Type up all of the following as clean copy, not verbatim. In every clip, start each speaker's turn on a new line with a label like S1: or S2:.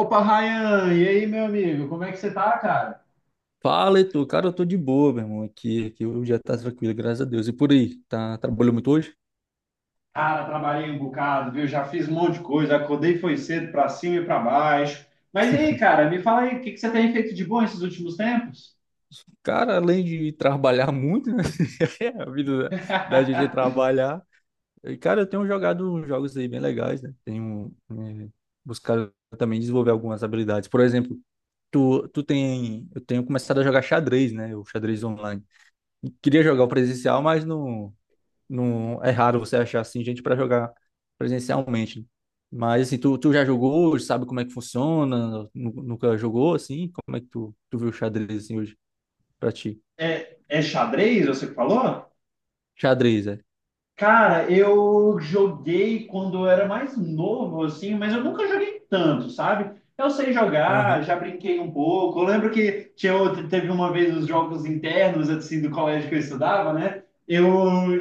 S1: Opa, Ryan, e aí, meu amigo, como é que você tá, cara?
S2: Fala, Heitor. Cara, eu tô de boa, meu irmão. Aqui o dia tá tranquilo, graças a Deus. E por aí, trabalhou muito hoje?
S1: Cara, trabalhei um bocado, viu? Já fiz um monte de coisa, acordei foi cedo pra cima e pra baixo. Mas e aí, cara, me fala aí, o que que você tem feito de bom esses últimos tempos?
S2: Cara, além de trabalhar muito, né? A vida da gente é trabalhar. E, cara, eu tenho jogado uns jogos aí bem legais, né? Tenho buscado também desenvolver algumas habilidades. Por exemplo, eu tenho começado a jogar xadrez, né? O xadrez online. Queria jogar o presencial, mas não. Não, é raro você achar assim gente para jogar presencialmente, né? Mas assim, tu já jogou hoje, sabe como é que funciona? Nunca jogou assim? Como é que tu viu o xadrez assim hoje pra ti?
S1: É, é xadrez, você que falou?
S2: Xadrez, é.
S1: Cara, eu joguei quando eu era mais novo, assim, mas eu nunca joguei tanto, sabe? Eu sei jogar,
S2: Aham.
S1: já brinquei um pouco. Eu lembro que tinha, teve uma vez os jogos internos, assim, do colégio que eu estudava, né? Eu,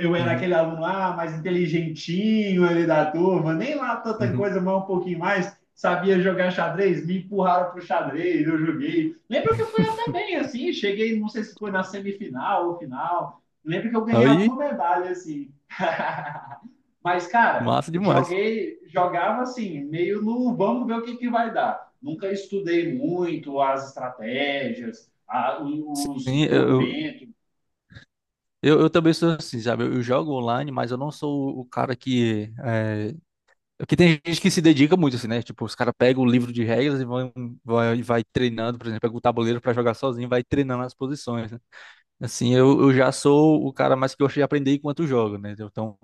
S1: eu era aquele
S2: Uhum.
S1: aluno lá, mais inteligentinho ali da turma, nem lá tanta
S2: Uhum.
S1: coisa, mas um pouquinho mais. Sabia jogar xadrez, me empurraram pro xadrez, eu joguei. Lembro que eu fui até bem, assim, cheguei, não sei se foi na semifinal ou final. Lembro que eu ganhei alguma
S2: Aí,
S1: medalha, assim. Mas, cara,
S2: massa demais.
S1: joguei, jogava assim, meio no vamos ver o que, que vai dar. Nunca estudei muito as estratégias, os
S2: Sim, eu,
S1: movimentos.
S2: eu, eu também sou assim, sabe? Eu jogo online, mas eu não sou o cara que é. Porque tem gente que se dedica muito, assim, né? Tipo, os caras pegam o livro de regras e vão, vai treinando, por exemplo, pega o tabuleiro pra jogar sozinho, e vai treinando as posições, né? Assim, eu já sou o cara mais que gosta de aprender enquanto joga, né? Então,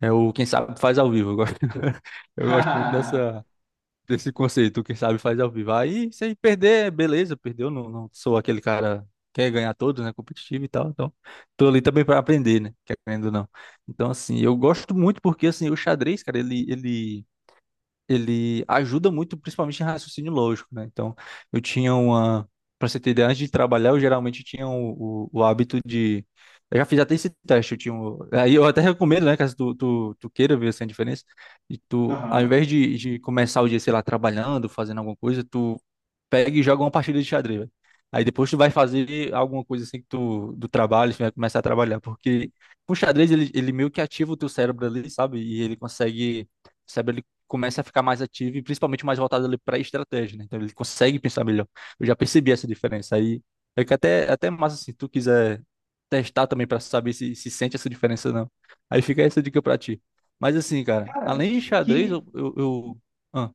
S2: é o quem sabe faz ao vivo. Eu gosto, eu gosto muito dessa, desse conceito, o quem sabe faz ao vivo. Aí, se aí perder, beleza, perdeu, não, não sou aquele cara que quer ganhar todos, né? Competitivo e tal, então tô ali também pra aprender, né? Querendo ou não. Então, assim, eu gosto muito porque, assim, o xadrez, cara, ele ele ajuda muito, principalmente em raciocínio lógico, né? Então, eu tinha uma. Para você ter ideia, antes de trabalhar, eu geralmente tinha o hábito de. Eu já fiz até esse teste, eu tinha. Aí eu até recomendo, né, caso tu queira ver essa diferença. E tu, ao
S1: Aham.
S2: invés de começar o dia, sei lá, trabalhando, fazendo alguma coisa, tu pega e joga uma partida de xadrez, velho. Aí depois tu vai fazer alguma coisa assim que tu, do trabalho, tu vai começar a trabalhar, porque o xadrez ele meio que ativa o teu cérebro ali, sabe? E ele consegue, o cérebro ele começa a ficar mais ativo e principalmente mais voltado ali para estratégia, né? Então ele consegue pensar melhor. Eu já percebi essa diferença aí. É que até massa assim, se tu quiser testar também para saber se se sente essa diferença ou não. Aí fica essa dica para ti. Mas assim, cara,
S1: Cara,
S2: além de xadrez,
S1: que
S2: eu... Ah,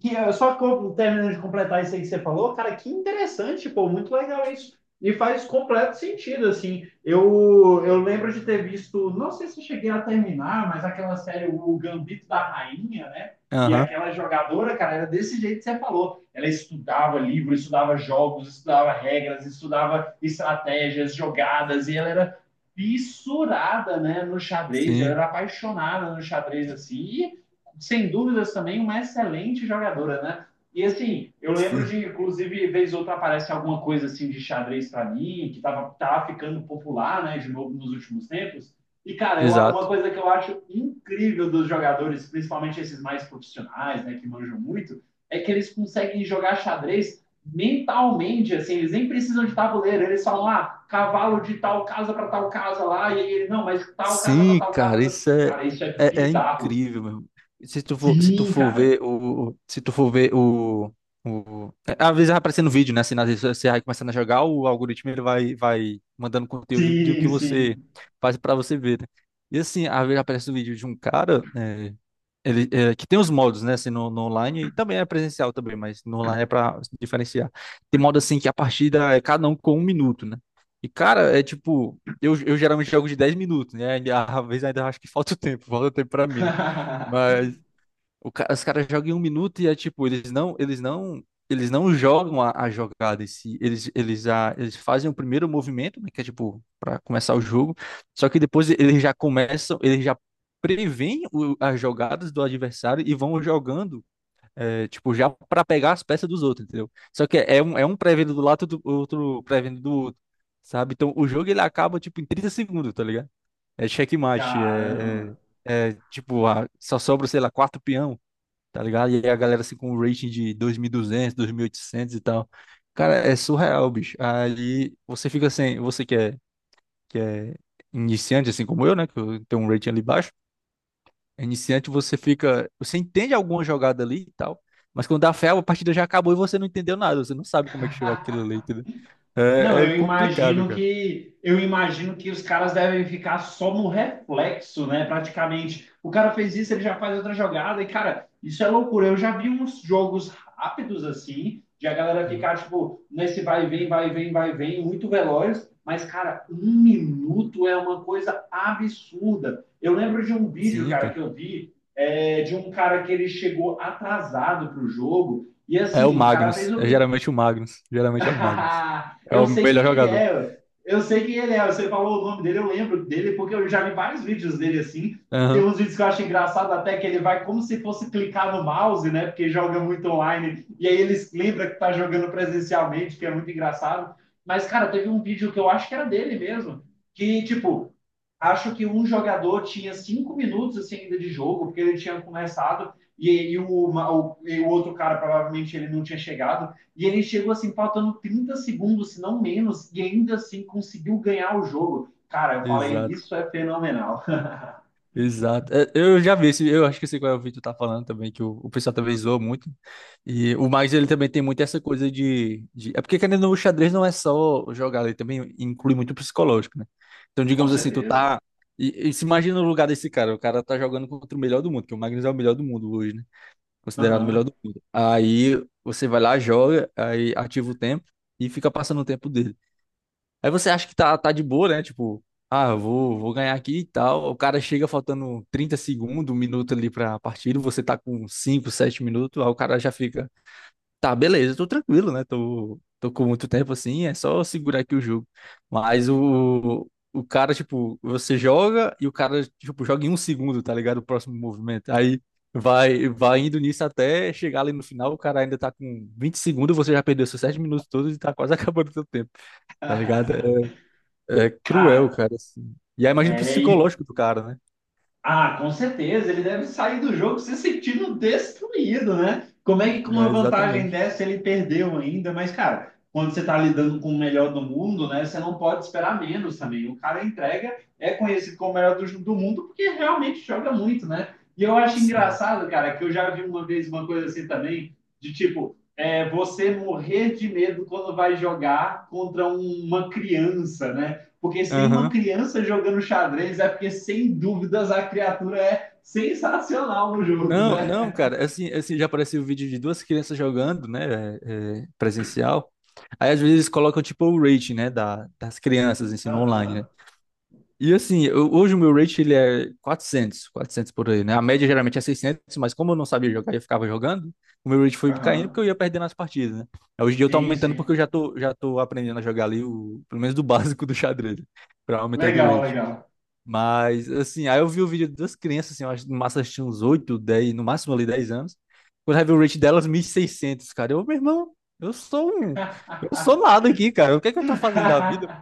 S1: Que eu só terminando de completar isso aí que você falou, cara, que interessante, pô, muito legal isso. E faz completo sentido, assim. Eu lembro de ter visto, não sei se eu cheguei a terminar, mas aquela série, O Gambito da Rainha, né? E
S2: aham,
S1: aquela jogadora, cara, era desse jeito que você falou. Ela estudava livro, estudava jogos, estudava regras, estudava estratégias, jogadas, e ela era fissurada, né, no xadrez, ela
S2: sim.
S1: era apaixonada no xadrez, assim. E sem dúvidas também uma excelente jogadora, né? E assim, eu lembro
S2: Sim.
S1: de, inclusive, vez ou outra aparece alguma coisa assim de xadrez para mim, que tava, tava ficando popular, né, de novo nos últimos tempos. E, cara, eu, uma
S2: Exato.
S1: coisa que eu acho incrível dos jogadores, principalmente esses mais profissionais, né, que manjam muito, é que eles conseguem jogar xadrez mentalmente, assim, eles nem precisam de tabuleiro, eles falam, ah, cavalo de tal casa para tal casa lá, e ele, não, mas tal casa para
S2: Sim,
S1: tal
S2: cara,
S1: casa.
S2: isso é,
S1: Cara, isso é bizarro.
S2: incrível, meu. Se tu
S1: Sim,
S2: for
S1: cara.
S2: ver o, se tu for ver o. Às vezes vai aparecendo vídeo, né? Assim, às vezes você vai começando a jogar, o algoritmo ele vai mandando conteúdo do que
S1: Sim,
S2: você
S1: sim.
S2: faz pra você ver, né? E assim, às vezes aparece um vídeo de um cara, que tem os modos, né? Assim, no, no online e também é presencial também, mas no online é pra se diferenciar. Tem modo assim que a partida é cada um com 1 minuto, né? E, cara, é tipo. Eu geralmente jogo de 10 minutos, né? E às vezes ainda acho que falta o tempo pra mim, né? Mas os caras jogam em 1 minuto e é tipo, eles não jogam a jogada em si. Eles fazem o primeiro movimento, né, que é tipo, para começar o jogo. Só que depois eles já começam, eles já preveem as jogadas do adversário e vão jogando, é, tipo, já para pegar as peças dos outros, entendeu? Só que é um prevendo do lado, do outro prevendo do outro, sabe? Então o jogo ele acaba, tipo, em 30 segundos, tá ligado? É checkmate,
S1: Caramba.
S2: é tipo, ah, só sobra, sei lá, 4 peão, tá ligado? E aí a galera assim com um rating de 2.200, 2.800 e duzentos, 2800 e tal. Cara, é surreal, bicho. Aí você fica assim, você que é iniciante, assim como eu, né? Que eu tenho um rating ali baixo. É Iniciante, você fica. Você entende alguma jogada ali e tal. Mas quando dá fé, a partida já acabou e você não entendeu nada. Você não sabe como é que chegou aquilo ali, entendeu?
S1: Não,
S2: É, é complicado, cara.
S1: eu imagino que os caras devem ficar só no reflexo, né? Praticamente. O cara fez isso, ele já faz outra jogada, e, cara, isso é loucura. Eu já vi uns jogos rápidos assim, de a galera
S2: Uhum.
S1: ficar, tipo, nesse vai e vem, vai e vem, vai e vem, muito veloz, mas, cara, 1 minuto é uma coisa absurda. Eu lembro de um vídeo,
S2: Sim,
S1: cara,
S2: cara.
S1: que eu vi, é, de um cara que ele chegou atrasado pro jogo. E
S2: É o
S1: assim, o cara fez
S2: Magnus.
S1: o
S2: É
S1: primeiro.
S2: geralmente o Magnus. Geralmente é o Magnus. É
S1: Eu
S2: o
S1: sei
S2: melhor
S1: quem ele
S2: jogador.
S1: é. Eu sei quem ele é. Você falou o nome dele, eu lembro dele, porque eu já vi vários vídeos dele assim. Tem
S2: Aham.
S1: uns vídeos que eu acho engraçado até que ele vai como se fosse clicar no mouse, né? Porque joga muito online. E aí ele lembra que tá jogando presencialmente, que é muito engraçado. Mas, cara, teve um vídeo que eu acho que era dele mesmo. Que, tipo, acho que um jogador tinha 5 minutos assim ainda de jogo, porque ele tinha começado e o outro cara provavelmente ele não tinha chegado. E ele chegou assim, faltando 30 segundos, se não menos, e ainda assim conseguiu ganhar o jogo. Cara, eu falei,
S2: Exato.
S1: isso é fenomenal.
S2: Exato. É, eu já vi esse, eu acho que esse qual é o vídeo tá falando também, que o pessoal também zoa muito. E o Magnus, ele também tem muito essa coisa é porque, querendo ou não, o xadrez não é só jogar, ele também inclui muito o psicológico, né? Então,
S1: Com
S2: digamos assim, tu
S1: certeza.
S2: tá... E se imagina no lugar desse cara, o cara tá jogando contra o melhor do mundo, que o Magnus é o melhor do mundo hoje, né? Considerado o melhor
S1: Uhum.
S2: do mundo. Aí, você vai lá, joga, aí ativa o tempo e fica passando o tempo dele. Aí você acha que tá de boa, né? Tipo, ah, eu vou ganhar aqui e tal. O cara chega faltando 30 segundos, 1 minuto ali pra partida, você tá com 5, 7 minutos, aí o cara já fica, tá, beleza, tô tranquilo, né? Tô com muito tempo assim, é só segurar aqui o jogo. Mas o cara, tipo, você joga e o cara, tipo, joga em 1 segundo, tá ligado? O próximo movimento. Aí. Vai, vai indo nisso até chegar ali no final, o cara ainda tá com 20 segundos, você já perdeu seus 7 minutos todos e tá quase acabando o seu tempo, tá ligado? É cruel,
S1: Cara,
S2: cara, assim. E aí imagina o
S1: é, e
S2: psicológico do cara, né?
S1: ah, com certeza, ele deve sair do jogo se sentindo destruído, né? Como é que com
S2: É,
S1: uma vantagem
S2: exatamente.
S1: dessa ele perdeu ainda? Mas, cara, quando você tá lidando com o melhor do mundo, né? Você não pode esperar menos também. O cara entrega, é conhecido como o melhor do, do mundo porque realmente joga muito, né? E eu acho
S2: Sim.
S1: engraçado, cara, que eu já vi uma vez uma coisa assim também, de tipo, é, você morrer de medo quando vai jogar contra uma criança, né? Porque se tem uma
S2: Aham.
S1: criança jogando xadrez, é porque, sem dúvidas, a criatura é sensacional no jogo,
S2: Não,
S1: né?
S2: não, cara, assim, já apareceu o vídeo de duas crianças jogando, né, presencial. Aí às vezes colocam tipo o rating, né, das crianças, ensino online, né?
S1: Aham,
S2: E assim, eu- hoje o meu rate ele é quatrocentos por aí, né? A média geralmente é 600, mas como eu não sabia jogar e eu ficava jogando, o meu rate foi
S1: uhum, aham.
S2: caindo
S1: Uhum.
S2: porque eu ia perdendo as partidas, né? Aí hoje em dia eu tô
S1: Sim,
S2: aumentando porque eu
S1: sim.
S2: já tô, já tô aprendendo a jogar ali, o, pelo menos do básico do xadrez, pra aumentando o
S1: Legal,
S2: rate.
S1: legal.
S2: Mas assim, aí eu vi o vídeo das crianças, assim, eu acho que no máximo elas tinham uns oito, dez, no máximo ali 10 anos. Quando eu vi o rate delas, 1600, cara. Eu, meu irmão, eu sou um, eu sou nada aqui, cara. O que é que eu tô fazendo da vida?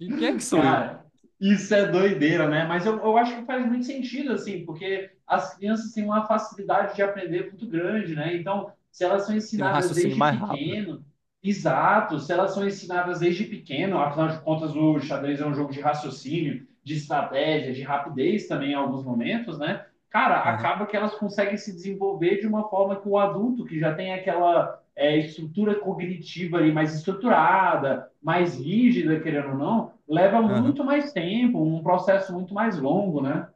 S2: E quem é que sou eu?
S1: Cara, isso é doideira, né? Mas eu acho que faz muito sentido, assim, porque as crianças têm uma facilidade de aprender muito grande, né? Então, se elas são
S2: Tem um
S1: ensinadas
S2: raciocínio
S1: desde
S2: mais rápido.
S1: pequeno, exato, se elas são ensinadas desde pequeno, afinal de contas, o xadrez é um jogo de raciocínio, de estratégia, de rapidez também em alguns momentos, né? Cara,
S2: Aham,
S1: acaba que elas conseguem se desenvolver de uma forma que o adulto, que já tem aquela estrutura cognitiva ali mais estruturada, mais rígida, querendo ou não, leva
S2: aham.
S1: muito mais tempo, um processo muito mais longo, né?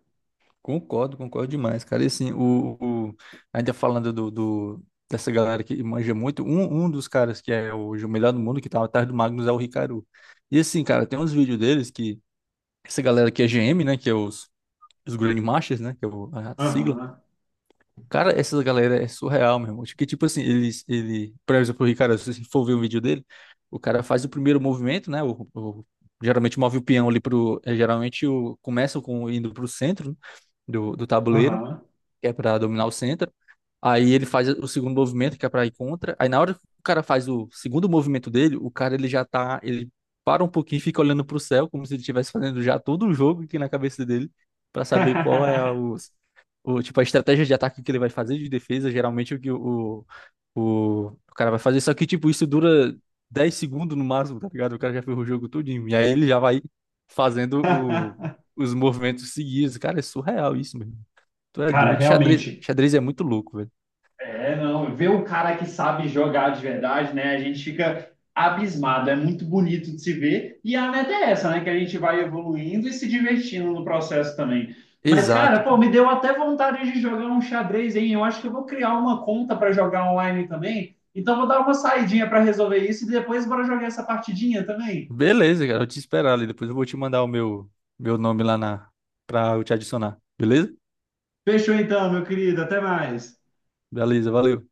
S2: Concordo, concordo demais, cara. E assim, o- ainda falando dessa galera que manja muito, um dos caras que é hoje o melhor do mundo, que tá atrás do Magnus, é o Ricardo. E assim, cara, tem uns vídeos deles que essa galera que é GM, né, que é os Grandmasters, né, que é a sigla.
S1: Aham,
S2: Cara, essa galera é surreal, meu irmão. Que tipo assim, ele, por exemplo, o Ricardo, se você for ver um vídeo dele, o cara faz o primeiro movimento, né? Geralmente move o peão ali pro, geralmente começa com indo pro centro, né, do tabuleiro,
S1: aham.
S2: que é para dominar o centro. Aí ele faz o segundo movimento, que é pra ir contra. Aí na hora que o cara faz o segundo movimento dele, o cara ele já tá. Ele para um pouquinho e fica olhando pro céu, como se ele estivesse fazendo já todo o jogo aqui na cabeça dele, pra saber qual é tipo, a estratégia de ataque que ele vai fazer, de defesa, geralmente o que o cara vai fazer. Só que, tipo, isso dura 10 segundos no máximo, tá ligado? O cara já fez o jogo todinho. E aí ele já vai fazendo o, os movimentos seguidos. Cara, é surreal isso, mano. Tu é
S1: Cara,
S2: doido. Xadrez,
S1: realmente,
S2: xadrez é muito louco, velho.
S1: é, não, ver um cara que sabe jogar de verdade, né? A gente fica abismado, é muito bonito de se ver. E a meta é essa, né? Que a gente vai evoluindo e se divertindo no processo também. Mas, cara,
S2: Exato,
S1: pô,
S2: cara.
S1: me deu até vontade de jogar um xadrez, hein? Eu acho que eu vou criar uma conta para jogar online também. Então, vou dar uma saidinha para resolver isso e depois bora jogar essa partidinha também.
S2: Beleza, cara. Eu te esperar ali. Depois eu vou te mandar o meu, nome lá na, pra eu te adicionar. Beleza?
S1: Fechou então, meu querido. Até mais.
S2: Beleza, valeu.